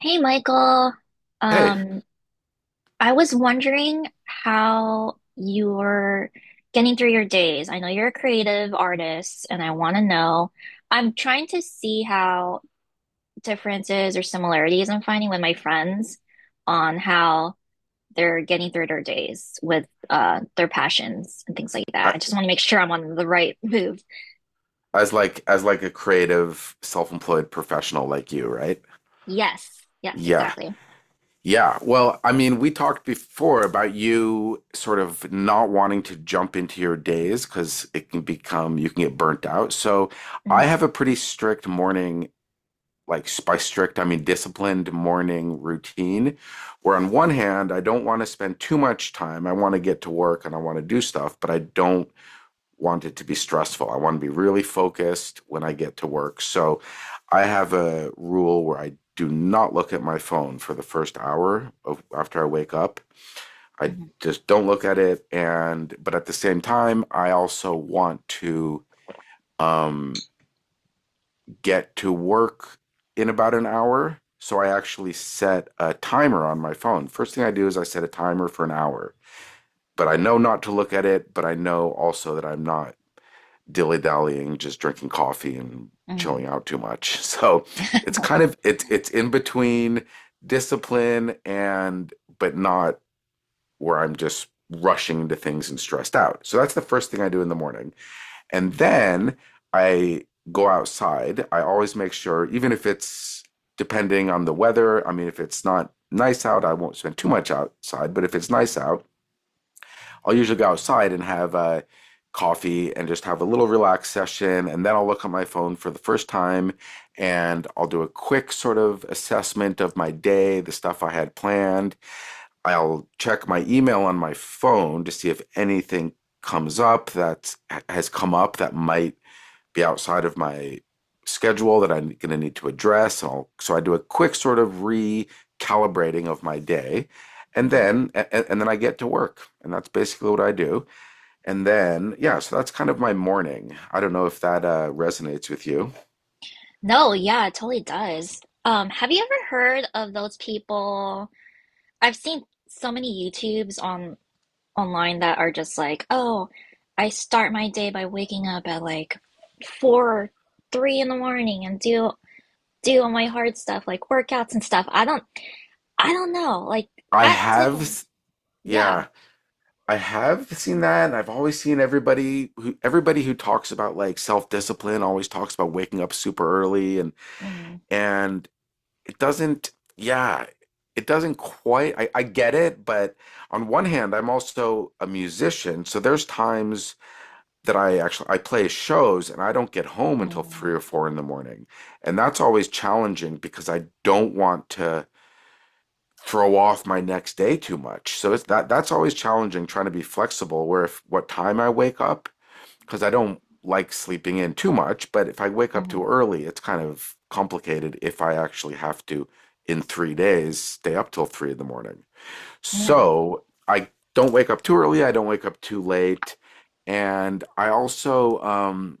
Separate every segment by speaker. Speaker 1: Hey Michael,
Speaker 2: Hey,
Speaker 1: um, I was wondering how you're getting through your days. I know you're a creative artist, and I want to know. I'm trying to see how differences or similarities I'm finding with my friends on how they're getting through their days with their passions and things like
Speaker 2: I,
Speaker 1: that. I just want to make sure I'm on the right move.
Speaker 2: as like a creative, self-employed professional like you, right?
Speaker 1: Yes, yes,
Speaker 2: Yeah.
Speaker 1: exactly.
Speaker 2: Yeah. Well, I mean, we talked before about you sort of not wanting to jump into your days because it can become, you can get burnt out. So I
Speaker 1: Hmm.
Speaker 2: have a pretty strict morning, like by strict, I mean disciplined morning routine, where on one hand, I don't want to spend too much time. I want to get to work and I want to do stuff, but I don't want it to be stressful. I want to be really focused when I get to work. So I have a rule where I do not look at my phone for the first hour of after I wake up. I
Speaker 1: Mhm.
Speaker 2: just don't look at it, and but at the same time I also want to um get to work in about an hour. So I actually set a timer on my phone. First thing I do is I set a timer for an hour. But I know not to look at it, but I know also that I'm not dilly dallying, just drinking coffee and
Speaker 1: Mhm.
Speaker 2: chilling out too much. So it's kind of it's in between discipline and but not where I'm just rushing into things and stressed out. So that's the first thing I do in the morning. And then I go outside. I always make sure, even if it's depending on the weather, I mean if it's not nice out, I won't spend too much outside, but if it's nice out, I'll usually go outside and have coffee and just have a little relaxed session. And then I'll look at my phone for the first time and I'll do a quick sort of assessment of my day, the stuff I had planned. I'll check my email on my phone to see if anything comes up that has come up that might be outside of my schedule that I'm going to need to address. And I'll, so I do a quick sort of recalibrating of my day. And then, and, and then I get to work. And that's basically what I do. And then, yeah, so that's kind of my morning. I don't know if that resonates with you.
Speaker 1: No, yeah, it totally does. Have you ever heard of those people? I've seen so many YouTubes on online that are just like, "Oh, I start my day by waking up at like four or three in the morning and do all my hard stuff like workouts and stuff." I don't know, like
Speaker 2: I
Speaker 1: that type
Speaker 2: have,
Speaker 1: of.
Speaker 2: s-
Speaker 1: Yeah.
Speaker 2: yeah, I have seen that, and I've always seen everybody who talks about like self-discipline always talks about waking up super early, and
Speaker 1: Mm.
Speaker 2: and it doesn't yeah it doesn't quite, I get it, but on one hand I'm also a musician, so there's times that I actually I play shows and I don't get home until three
Speaker 1: Mm.
Speaker 2: or four in the morning. And that's always challenging because I don't want to throw off my next day too much. So it's that's always challenging, trying to be flexible where if what time I wake up, because I don't like sleeping in too much, but if I wake up too
Speaker 1: Mm.
Speaker 2: early, it's kind of complicated if I actually have to, in 3 days, stay up till three in the morning.
Speaker 1: Yeah.
Speaker 2: So I don't wake up too early, I don't wake up too late. And I also,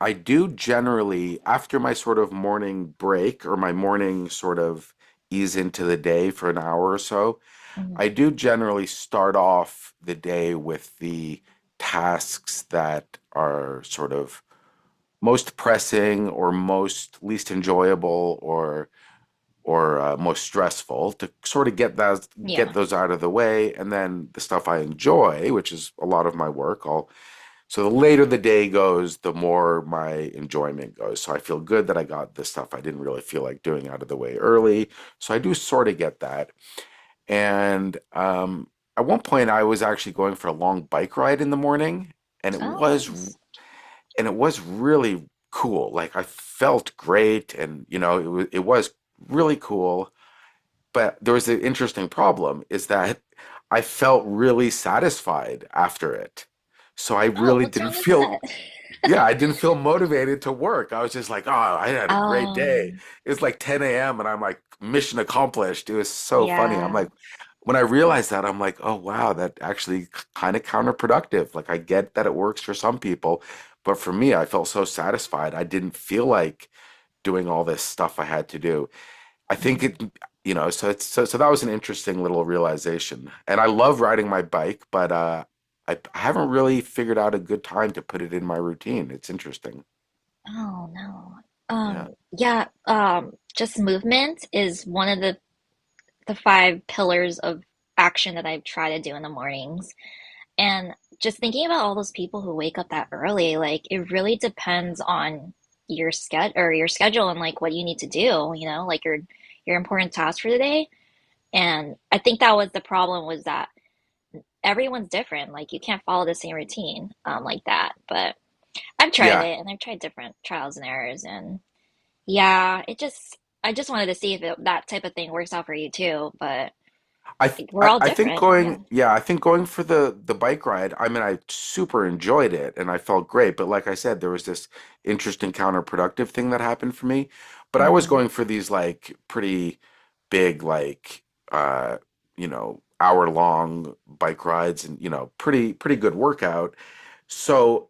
Speaker 2: I do generally, after my sort of morning break or my morning sort of ease into the day for an hour or so,
Speaker 1: Mm.
Speaker 2: I do generally start off the day with the tasks that are sort of most pressing or most least enjoyable or most stressful, to sort of get
Speaker 1: Yeah.
Speaker 2: those out of the way, and then the stuff I enjoy, which is a lot of my work, I'll so the later the day goes, the more my enjoyment goes. So I feel good that I got the stuff I didn't really feel like doing out of the way early. So I do sort of get that. And at one point, I was actually going for a long bike ride in the morning, and
Speaker 1: Oh, nice.
Speaker 2: it was really cool. Like I felt great, and you know, it was really cool. But there was an interesting problem is that I felt really satisfied after it. So I
Speaker 1: Oh,
Speaker 2: really
Speaker 1: what's
Speaker 2: didn't
Speaker 1: wrong with
Speaker 2: feel
Speaker 1: that?
Speaker 2: yeah, I didn't feel motivated to work. I was just like, oh, I had a great day.
Speaker 1: Um,
Speaker 2: It's like 10 a.m. and I'm like, mission accomplished. It was so funny. I'm
Speaker 1: yeah.
Speaker 2: like, when I realized that, I'm like, oh, wow, that actually kind of counterproductive. Like, I get that it works for some people, but for me, I felt so satisfied. I didn't feel like doing all this stuff I had to do. I think
Speaker 1: Mhm.
Speaker 2: it, you know, so it's so that was an interesting little realization. And I love riding my bike, but I haven't really figured out a good time to put it in my routine. It's interesting.
Speaker 1: Oh no.
Speaker 2: Yeah.
Speaker 1: Yeah, just movement is one of the five pillars of action that I try to do in the mornings. And just thinking about all those people who wake up that early, like it really depends on your schedule and like what you need to do, you know, like your important tasks for the day. And I think that was the problem was that everyone's different. Like you can't follow the same routine like that. But I've tried
Speaker 2: Yeah.
Speaker 1: it and I've tried different trials and errors and. Yeah, it just I just wanted to see if that type of thing works out for you too, but like, we're all
Speaker 2: I think
Speaker 1: different. Yeah.
Speaker 2: going yeah I think going for the bike ride, I mean I super enjoyed it and I felt great, but like I said, there was this interesting counterproductive thing that happened for me. But I was
Speaker 1: Hmm.
Speaker 2: going for these like pretty big, like uh you know, hour long bike rides, and you know, pretty good workout. So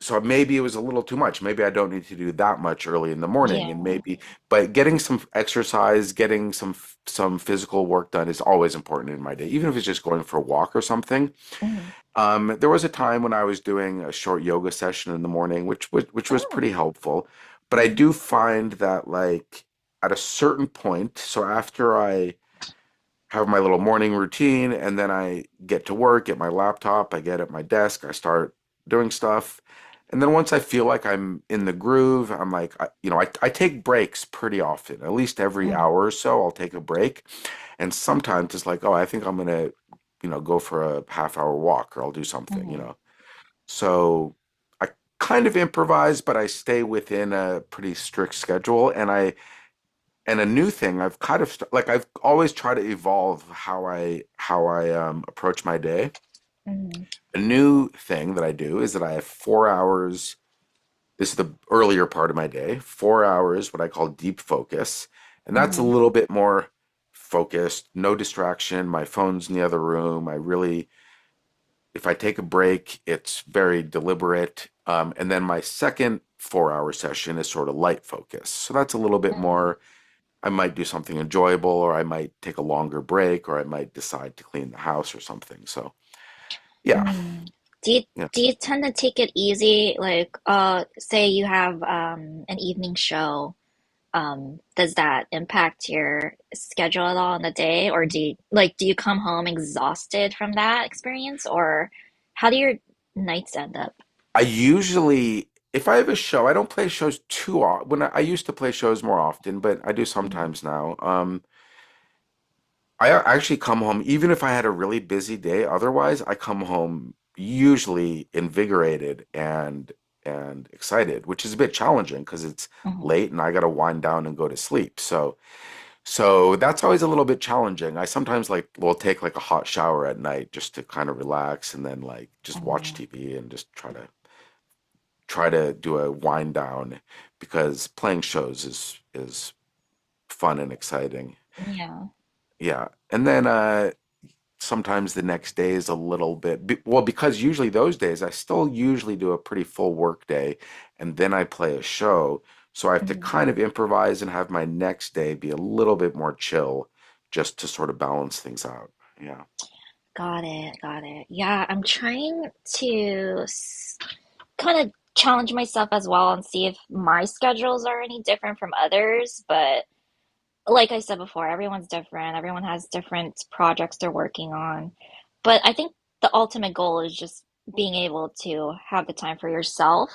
Speaker 2: so maybe it was a little too much. Maybe I don't need to do that much early in the morning, and
Speaker 1: Yeah.
Speaker 2: maybe, but getting some exercise, getting some physical work done is always important in my day, even if it's just going for a walk or something.
Speaker 1: Hmm.
Speaker 2: There was a time when I was doing a short yoga session in the morning, which was
Speaker 1: Oh.
Speaker 2: pretty helpful. But I
Speaker 1: Hmm.
Speaker 2: do find that like at a certain point, so after I have my little morning routine, and then I get to work, get my laptop, I get at my desk, I start doing stuff. And then once I feel like I'm in the groove, I'm like, you know, I take breaks pretty often, at least every
Speaker 1: Hmm.
Speaker 2: hour or so, I'll take a break. And sometimes it's like, oh, I think I'm gonna, you know, go for a half hour walk, or I'll do something, you
Speaker 1: Hmm.
Speaker 2: know. So I kind of improvise, but I stay within a pretty strict schedule. And I and a new thing I've kind of st- like I've always tried to evolve how I approach my day.
Speaker 1: Hmm.
Speaker 2: A new thing that I do is that I have 4 hours, this is the earlier part of my day, 4 hours what I call deep focus, and that's a
Speaker 1: Hmm.
Speaker 2: little bit more focused, no distraction, my phone's in the other room. I really, if I take a break, it's very deliberate. And then my second 4 hour session is sort of light focus, so that's a little bit more I might do something enjoyable, or I might take a longer break, or I might decide to clean the house or something. So, yeah,
Speaker 1: Hmm. Do you do
Speaker 2: yes.
Speaker 1: you tend to take it easy? Like, say you have an evening show. Does that impact your schedule at all in the day, or do you like do you come home exhausted from that experience, or how do your nights end up?
Speaker 2: I usually, if I have a show, I don't play shows too often. I used to play shows more often, but I do sometimes now. Actually, come home, even if I had a really busy day. Otherwise, I come home usually invigorated and excited, which is a bit challenging because it's
Speaker 1: Oh,
Speaker 2: late and I got to wind down and go to sleep. So. So that's always a little bit challenging. I sometimes like will take like a hot shower at night just to kind of relax, and then like just watch
Speaker 1: oh,
Speaker 2: TV and just try to do a wind down, because playing shows is fun and exciting.
Speaker 1: yeah.
Speaker 2: Yeah. And then sometimes the next day is a little bit well, because usually those days I still usually do a pretty full work day and then I play a show, so I have to
Speaker 1: Mm,
Speaker 2: kind of improvise and have my next day be a little bit more chill, just to sort of balance things out. Yeah.
Speaker 1: got it, got it. Yeah, I'm trying to kind of challenge myself as well and see if my schedules are any different from others, but like I said before, everyone's different. Everyone has different projects they're working on. But I think the ultimate goal is just being able to have the time for yourself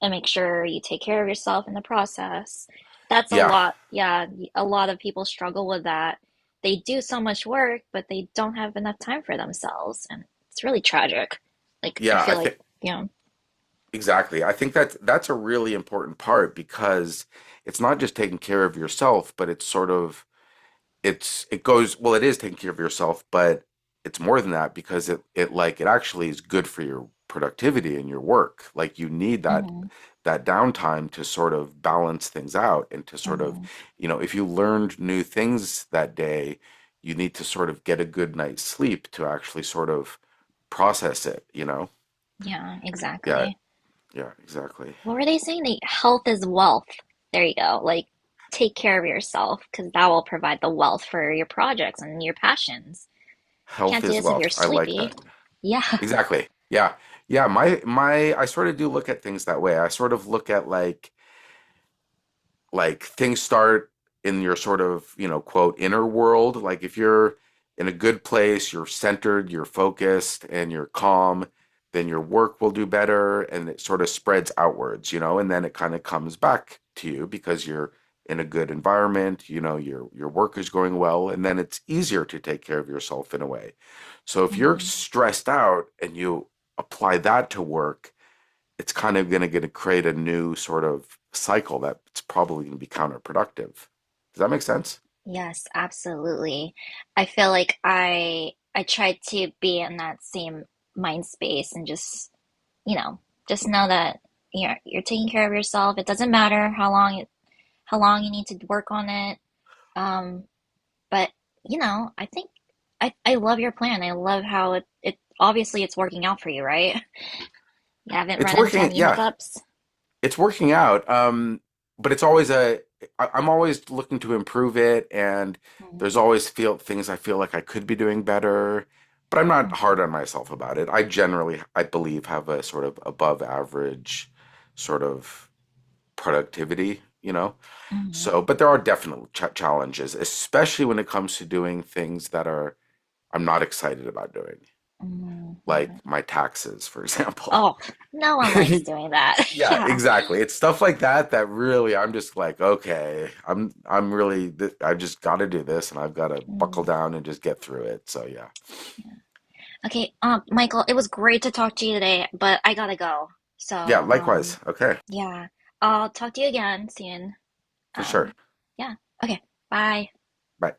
Speaker 1: and make sure you take care of yourself in the process. That's a
Speaker 2: Yeah.
Speaker 1: lot. Yeah, a lot of people struggle with that. They do so much work, but they don't have enough time for themselves. And it's really tragic. Like, I
Speaker 2: yeah I
Speaker 1: feel like,
Speaker 2: think
Speaker 1: you know,
Speaker 2: Exactly, I think that's a really important part, because it's not just taking care of yourself, but it's sort of it goes well, it is taking care of yourself, but it's more than that, because it actually is good for your productivity and your work. Like, you need that
Speaker 1: hmm
Speaker 2: downtime to sort of balance things out and to sort of,
Speaker 1: hmm
Speaker 2: you know, if you learned new things that day, you need to sort of get a good night's sleep to actually sort of process it, you know.
Speaker 1: yeah,
Speaker 2: Yeah.
Speaker 1: exactly.
Speaker 2: yeah exactly
Speaker 1: What were they saying? They, health is wealth. There you go. Like, take care of yourself because that will provide the wealth for your projects and your passions.
Speaker 2: Health
Speaker 1: Can't do
Speaker 2: is
Speaker 1: this if you're
Speaker 2: wealth, I like
Speaker 1: sleepy.
Speaker 2: that.
Speaker 1: Yeah.
Speaker 2: Exactly. Yeah. Yeah my my i sort of do look at things that way. I sort of look at like things start in your sort of, you know, quote inner world. Like, if you're in a good place, you're centered, you're focused and you're calm, then your work will do better, and it sort of spreads outwards, you know, and then it kind of comes back to you because you're in a good environment, you know, your work is going well, and then it's easier to take care of yourself in a way. So if you're
Speaker 1: Mhm.
Speaker 2: stressed out and you apply that to work, it's kind of going to create a new sort of cycle that's probably going to be counterproductive. Does that make sense?
Speaker 1: Yes, absolutely. I feel like I try to be in that same mind space and you know, just know that you're taking care of yourself. It doesn't matter how long how long you need to work on it. Um. But, you know, I think I love your plan. I love how it obviously it's working out for you, right? You haven't
Speaker 2: It's
Speaker 1: run into
Speaker 2: working.
Speaker 1: any
Speaker 2: Yeah,
Speaker 1: hiccups.
Speaker 2: it's working out. But it's always a. I'm always looking to improve it, and
Speaker 1: Mm.
Speaker 2: there's always feel things I feel like I could be doing better. But I'm not hard on
Speaker 1: Mm.
Speaker 2: myself about it. I generally, I believe, have a sort of above average sort of productivity. You know,
Speaker 1: Mm.
Speaker 2: so but there are definite challenges, especially when it comes to doing things that are I'm not excited about doing,
Speaker 1: Hmm.
Speaker 2: like
Speaker 1: Yeah.
Speaker 2: my taxes, for example.
Speaker 1: Oh, no one likes doing that.
Speaker 2: Yeah,
Speaker 1: Yeah.
Speaker 2: exactly. It's stuff like that that really I'm just like, okay, I'm really th I just got to do this and I've got to buckle
Speaker 1: Mm,
Speaker 2: down and just get through it. So yeah.
Speaker 1: yeah. Okay, Michael, it was great to talk to you today, but I gotta go.
Speaker 2: Yeah,
Speaker 1: So,
Speaker 2: likewise. Okay.
Speaker 1: yeah, I'll talk to you again soon.
Speaker 2: For sure.
Speaker 1: Um, yeah. Okay, bye.
Speaker 2: Bye.